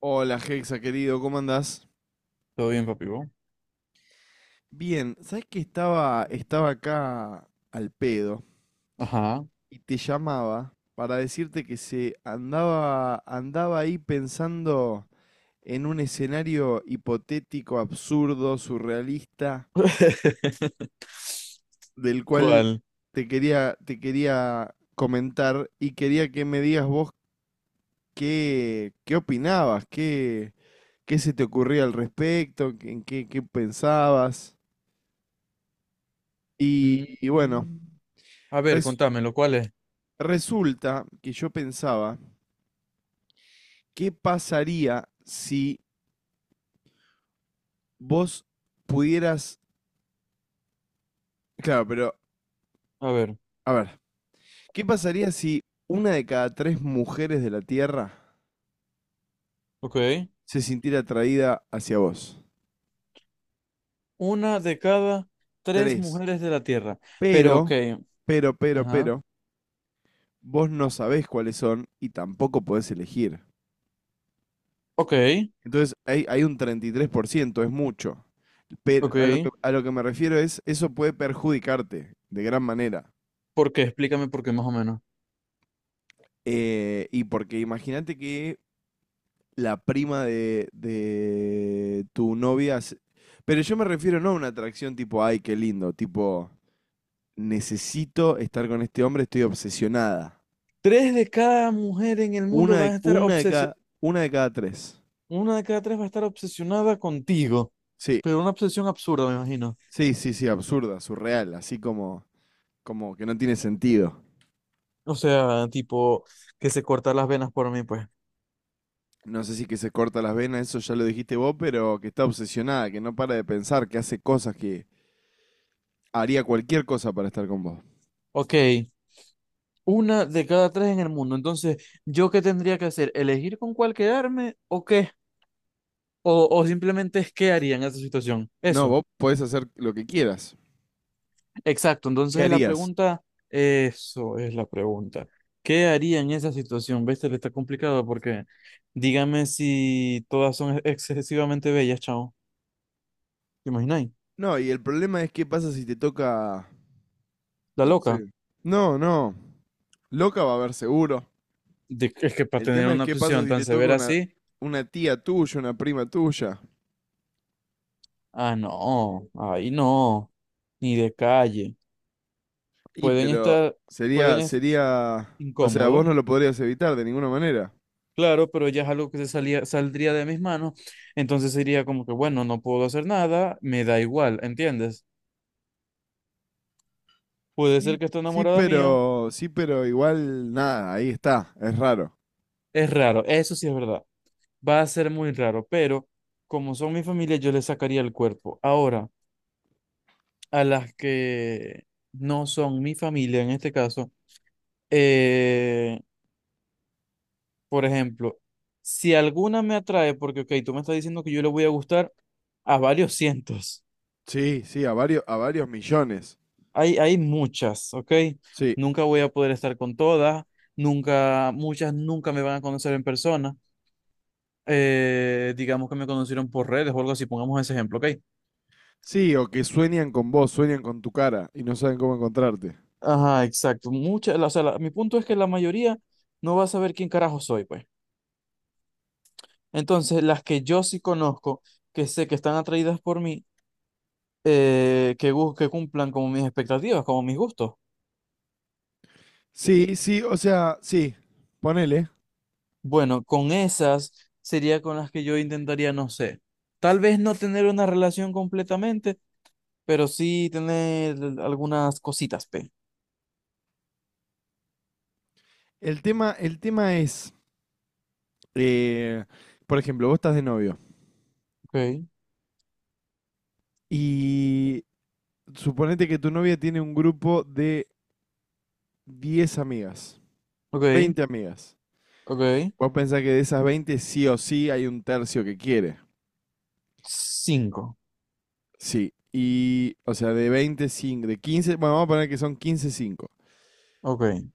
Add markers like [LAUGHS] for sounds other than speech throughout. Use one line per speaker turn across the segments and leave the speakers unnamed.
Hola, Hexa, querido, ¿cómo andás?
Todo bien, papi. ¿Vos?
Bien, ¿sabes que estaba acá al pedo
Ajá.
y te llamaba para decirte que se andaba ahí pensando en un escenario hipotético, absurdo, surrealista,
[LAUGHS]
del cual
¿Cuál?
te quería comentar y quería que me digas vos qué opinabas, qué, qué se te ocurría al respecto, en qué pensabas. Y,
Mm,
y bueno.
a ver,
Res-
contámelo, ¿cuál es?
Resulta que yo pensaba, ¿qué pasaría si vos pudieras... Claro, pero,
A ver,
a ver, ¿qué pasaría si una de cada tres mujeres de la Tierra
ok.
se sintiera atraída hacia vos?
Una de cada tres
Tres.
mujeres de la Tierra. Pero,
Pero,
ok.
pero, pero,
Ajá.
pero, vos no sabés cuáles son y tampoco podés elegir.
Ok,
Entonces, hay un 33% es mucho. Pero a lo que,
ok.
a lo que me refiero es, eso puede perjudicarte de gran manera.
¿Por qué? Explícame por qué, más o menos.
Y porque imagínate que la prima de tu novia. Pero yo me refiero no a una atracción tipo, ay, qué lindo, tipo, necesito estar con este hombre, estoy obsesionada.
Tres de cada mujer en el mundo
Una de,
van a estar
una de cada,
obsesionadas.
una de cada tres.
Una de cada tres va a estar obsesionada contigo.
Sí,
Pero una obsesión absurda, me imagino.
sí, sí, sí, absurda, surreal, así como, como que no tiene sentido.
O sea, tipo, que se corta las venas por mí, pues.
No sé si que se corta las venas, eso ya lo dijiste vos, pero que está obsesionada, que no para de pensar, que hace cosas que haría cualquier cosa para estar con vos.
Ok. Una de cada tres en el mundo. Entonces, ¿yo qué tendría que hacer? ¿Elegir con cuál quedarme o qué? O simplemente es qué haría en esa situación.
No,
Eso,
vos podés hacer lo que quieras.
exacto.
¿Qué
Entonces, la
harías?
pregunta, eso es la pregunta. ¿Qué haría en esa situación? ¿Ves? Le está complicado porque dígame si todas son excesivamente bellas, chao. ¿Te imagináis?
No, y el problema es qué pasa si te toca,
La
no
loca.
sé. No, no. Loca va a haber seguro.
Es que para
El
tener
tema es
una
qué pasa
obsesión
si
tan
te toca
severa
una,
así,
una tía tuya, una prima tuya.
ah, no, ahí no, ni de calle.
Y
Pueden
pero
estar, pueden
sería,
estar
sería, o sea, vos
incómodos.
no lo podrías evitar de ninguna manera.
Claro, pero ya es algo que se salía, saldría de mis manos, entonces sería como que, bueno, no puedo hacer nada, me da igual, ¿entiendes? Puede
Sí,
ser que esté enamorada mío,
sí, pero igual nada, ahí está, es raro.
es raro, eso sí es verdad, va a ser muy raro, pero como son mi familia, yo les sacaría el cuerpo. Ahora, a las que no son mi familia, en este caso, eh, por ejemplo, si alguna me atrae, porque, ok, tú me estás diciendo que yo le voy a gustar a varios [LAUGHS] cientos.
Sí, sí, a varios millones.
Hay muchas, ¿ok?
Sí.
Nunca voy a poder estar con todas, nunca, muchas nunca me van a conocer en persona. Digamos que me conocieron por redes o algo así, pongamos ese ejemplo, ¿ok?
Sí, o que sueñan con vos, sueñan con tu cara y no saben cómo encontrarte.
Ajá, exacto. Muchas, o sea, mi punto es que la mayoría no va a saber quién carajo soy, pues. Entonces, las que yo sí conozco, que sé que están atraídas por mí, que, que cumplan como mis expectativas, como mis gustos.
Sí, sí, o sea, sí, ponele.
Bueno, con esas sería con las que yo intentaría, no sé, tal vez no tener una relación completamente pero sí tener algunas cositas, P.
El tema es, eh, por ejemplo, vos estás de novio
Ok,
y suponete que tu novia tiene un grupo de 10 amigas,
ok,
20 amigas.
ok.
Vos pensás que de esas 20 sí o sí hay un tercio que quiere.
Cinco.
Sí. Y, o sea, de veinte cinco de 15 bueno, vamos a poner que son 15 cinco.
Ok.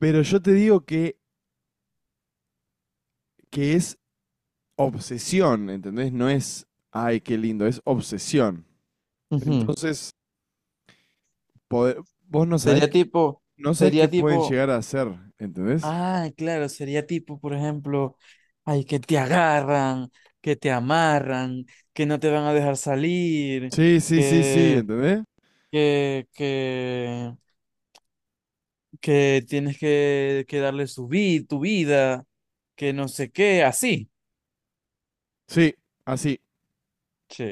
Pero yo te digo que es obsesión, ¿entendés? No es, ay, qué lindo, es obsesión.
Ujú.
Entonces, vos no sabés.
Sería tipo,
No sabes qué
sería
pueden
tipo,
llegar a hacer, ¿entendés?
ah, claro, sería tipo, por ejemplo, ay, que te agarran, que te amarran, que no te van a dejar salir,
Sí, sí, sí, sí,
que,
¿entendés?
que, que, que tienes que darle su vida, tu vida, que no sé qué, así.
Sí, así.
Che.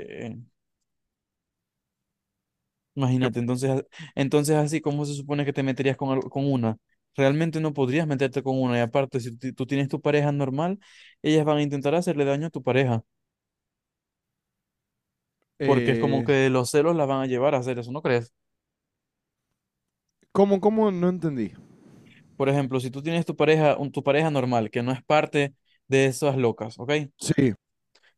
Yep.
Imagínate, entonces, entonces así, ¿cómo se supone que te meterías con, con una? Realmente no podrías meterte con una. Y aparte, si tú tienes tu pareja normal, ellas van a intentar hacerle daño a tu pareja, porque es como
Eh,
que los celos la van a llevar a hacer eso, ¿no crees?
¿Cómo, cómo? No entendí.
Por ejemplo, si tú tienes tu pareja, tu pareja normal, que no es parte de esas locas, ¿ok?
Sí,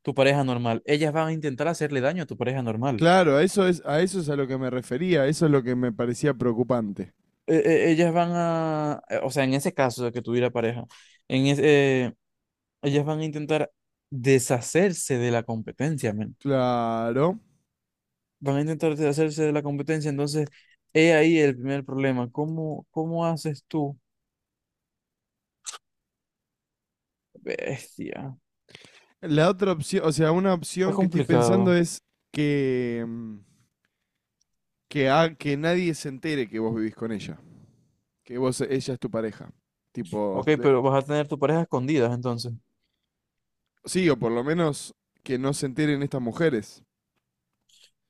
Tu pareja normal, ellas van a intentar hacerle daño a tu pareja normal.
claro, a eso es, a eso es a lo que me refería, eso es lo que me parecía preocupante.
Ellas van a, o sea, en ese caso de que tuviera pareja, en ese, ellas van a intentar deshacerse de la competencia, men.
Claro.
Van a intentar deshacerse de la competencia, entonces he ahí el primer problema. ¿Cómo, cómo haces tú? Bestia.
La otra opción, o sea, una
Está
opción que estoy pensando
complicado.
es que, que, que nadie se entere que vos vivís con ella. Que vos, ella es tu pareja. Tipo,
Ok,
de-
pero vas a tener tu pareja escondidas entonces.
sí, o por lo menos que no se enteren estas mujeres.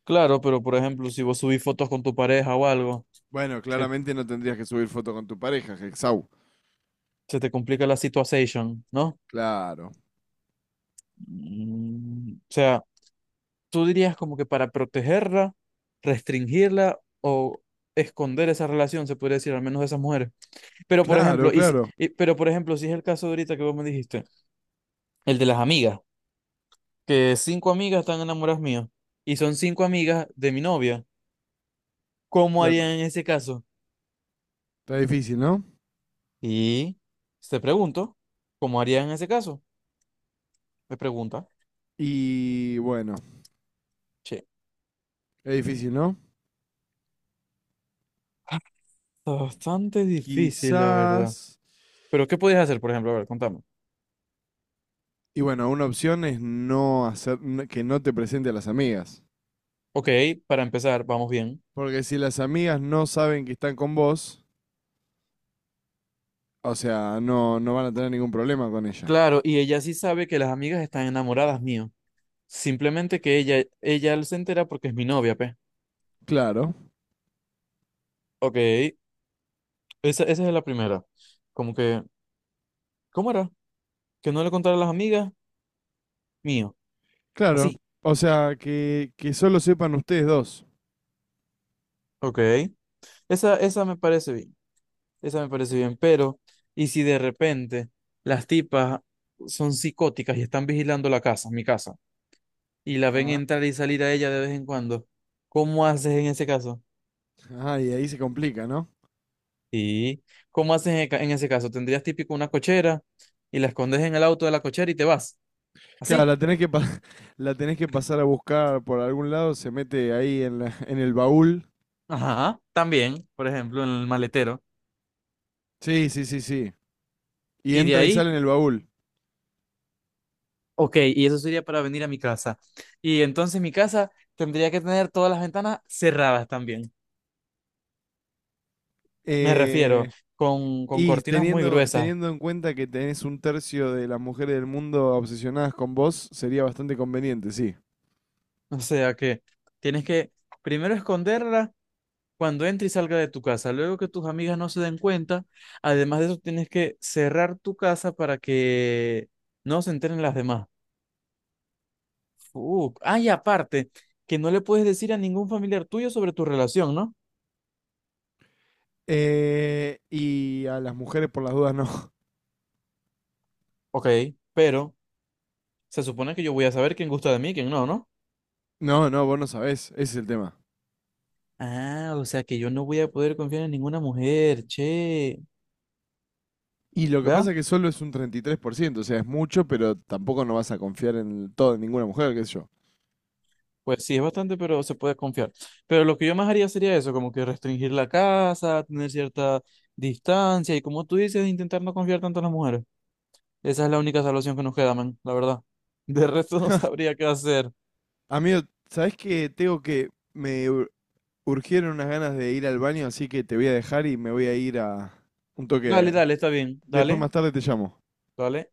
Claro, pero por ejemplo, si vos subís fotos con tu pareja o algo,
Bueno,
se,
claramente no tendrías que subir foto con tu pareja, Hexau.
se te complica la situación, ¿no?
Claro.
Mm, o sea, tú dirías como que para protegerla, restringirla o esconder esa relación, se podría decir, al menos de esas mujeres. Pero por
Claro,
ejemplo, y,
claro,
pero por ejemplo, si es el caso de ahorita que vos me dijiste, el de las amigas, que cinco amigas están enamoradas mías y son cinco amigas de mi novia, ¿cómo harían
claro.
en ese caso?
Está difícil, ¿no?
Y te pregunto, ¿cómo harían en ese caso? Me pregunta.
Y bueno,
Che,
es difícil, ¿no?
ah, está bastante difícil, la verdad.
Quizás.
Pero ¿qué podías hacer, por ejemplo? A ver, contame.
Y bueno, una opción es que no te presente a las amigas.
Ok, para empezar, vamos bien.
Porque si las amigas no saben que están con vos, o sea, no, no van a tener ningún problema con ella.
Claro, y ella sí sabe que las amigas están enamoradas mío. Simplemente que ella se entera porque es mi novia, pe.
Claro,
Ok, esa es la primera. Como que, ¿cómo era? Que no le contara a las amigas, mío.
claro.
Así.
O sea, que solo sepan ustedes dos.
Ok. Esa me parece bien. Esa me parece bien. Pero, ¿y si de repente las tipas son psicóticas y están vigilando la casa, mi casa, y la ven
Ah,
entrar y salir a ella de vez en cuando? ¿Cómo haces en ese caso?
Ah, y ahí se complica, ¿no?
Sí. ¿Cómo haces en, en ese caso? ¿Tendrías típico una cochera y la escondes en el auto de la cochera y te vas?
Claro,
¿Así?
la [LAUGHS] la tenés que pasar a buscar por algún lado, se mete ahí en en el baúl.
Ajá. También, por ejemplo, en el maletero.
Sí, sí, sí, sí. Y
Y de
entra y
ahí
sale en el baúl.
ok, y eso sería para venir a mi casa. Y entonces mi casa tendría que tener todas las ventanas cerradas también. Me refiero,
Eh,
con,
y
cortinas muy
teniendo,
gruesas.
teniendo en cuenta que tenés un tercio de las mujeres del mundo obsesionadas con vos, sería bastante conveniente, sí.
O sea que tienes que primero esconderla cuando entre y salga de tu casa. Luego que tus amigas no se den cuenta. Además de eso, tienes que cerrar tu casa para que no se enteren las demás. Ah, y aparte, que no le puedes decir a ningún familiar tuyo sobre tu relación, ¿no?
Y a las mujeres por las dudas no. [LAUGHS]
Ok, pero se supone que yo voy a saber quién gusta de mí y quién no, ¿no?
No, no, vos no sabés, ese es el tema.
Ah, o sea que yo no voy a poder confiar en ninguna mujer, che.
Y lo que
¿Verdad?
pasa es que solo es un 33%, o sea, es mucho, pero tampoco no vas a confiar en todo en ninguna mujer, qué sé yo.
Pues sí, es bastante, pero se puede confiar. Pero lo que yo más haría sería eso, como que restringir la casa, tener cierta distancia y como tú dices, intentar no confiar tanto en las mujeres. Esa es la única salvación que nos queda, man, la verdad. De resto [LAUGHS] no sabría qué hacer.
Amigo, ¿sabés que tengo que... Me urgieron unas ganas de ir al baño, así que te voy a dejar y me voy a ir a un toque.
Dale, dale, está bien.
Después
Dale,
más tarde te llamo.
dale.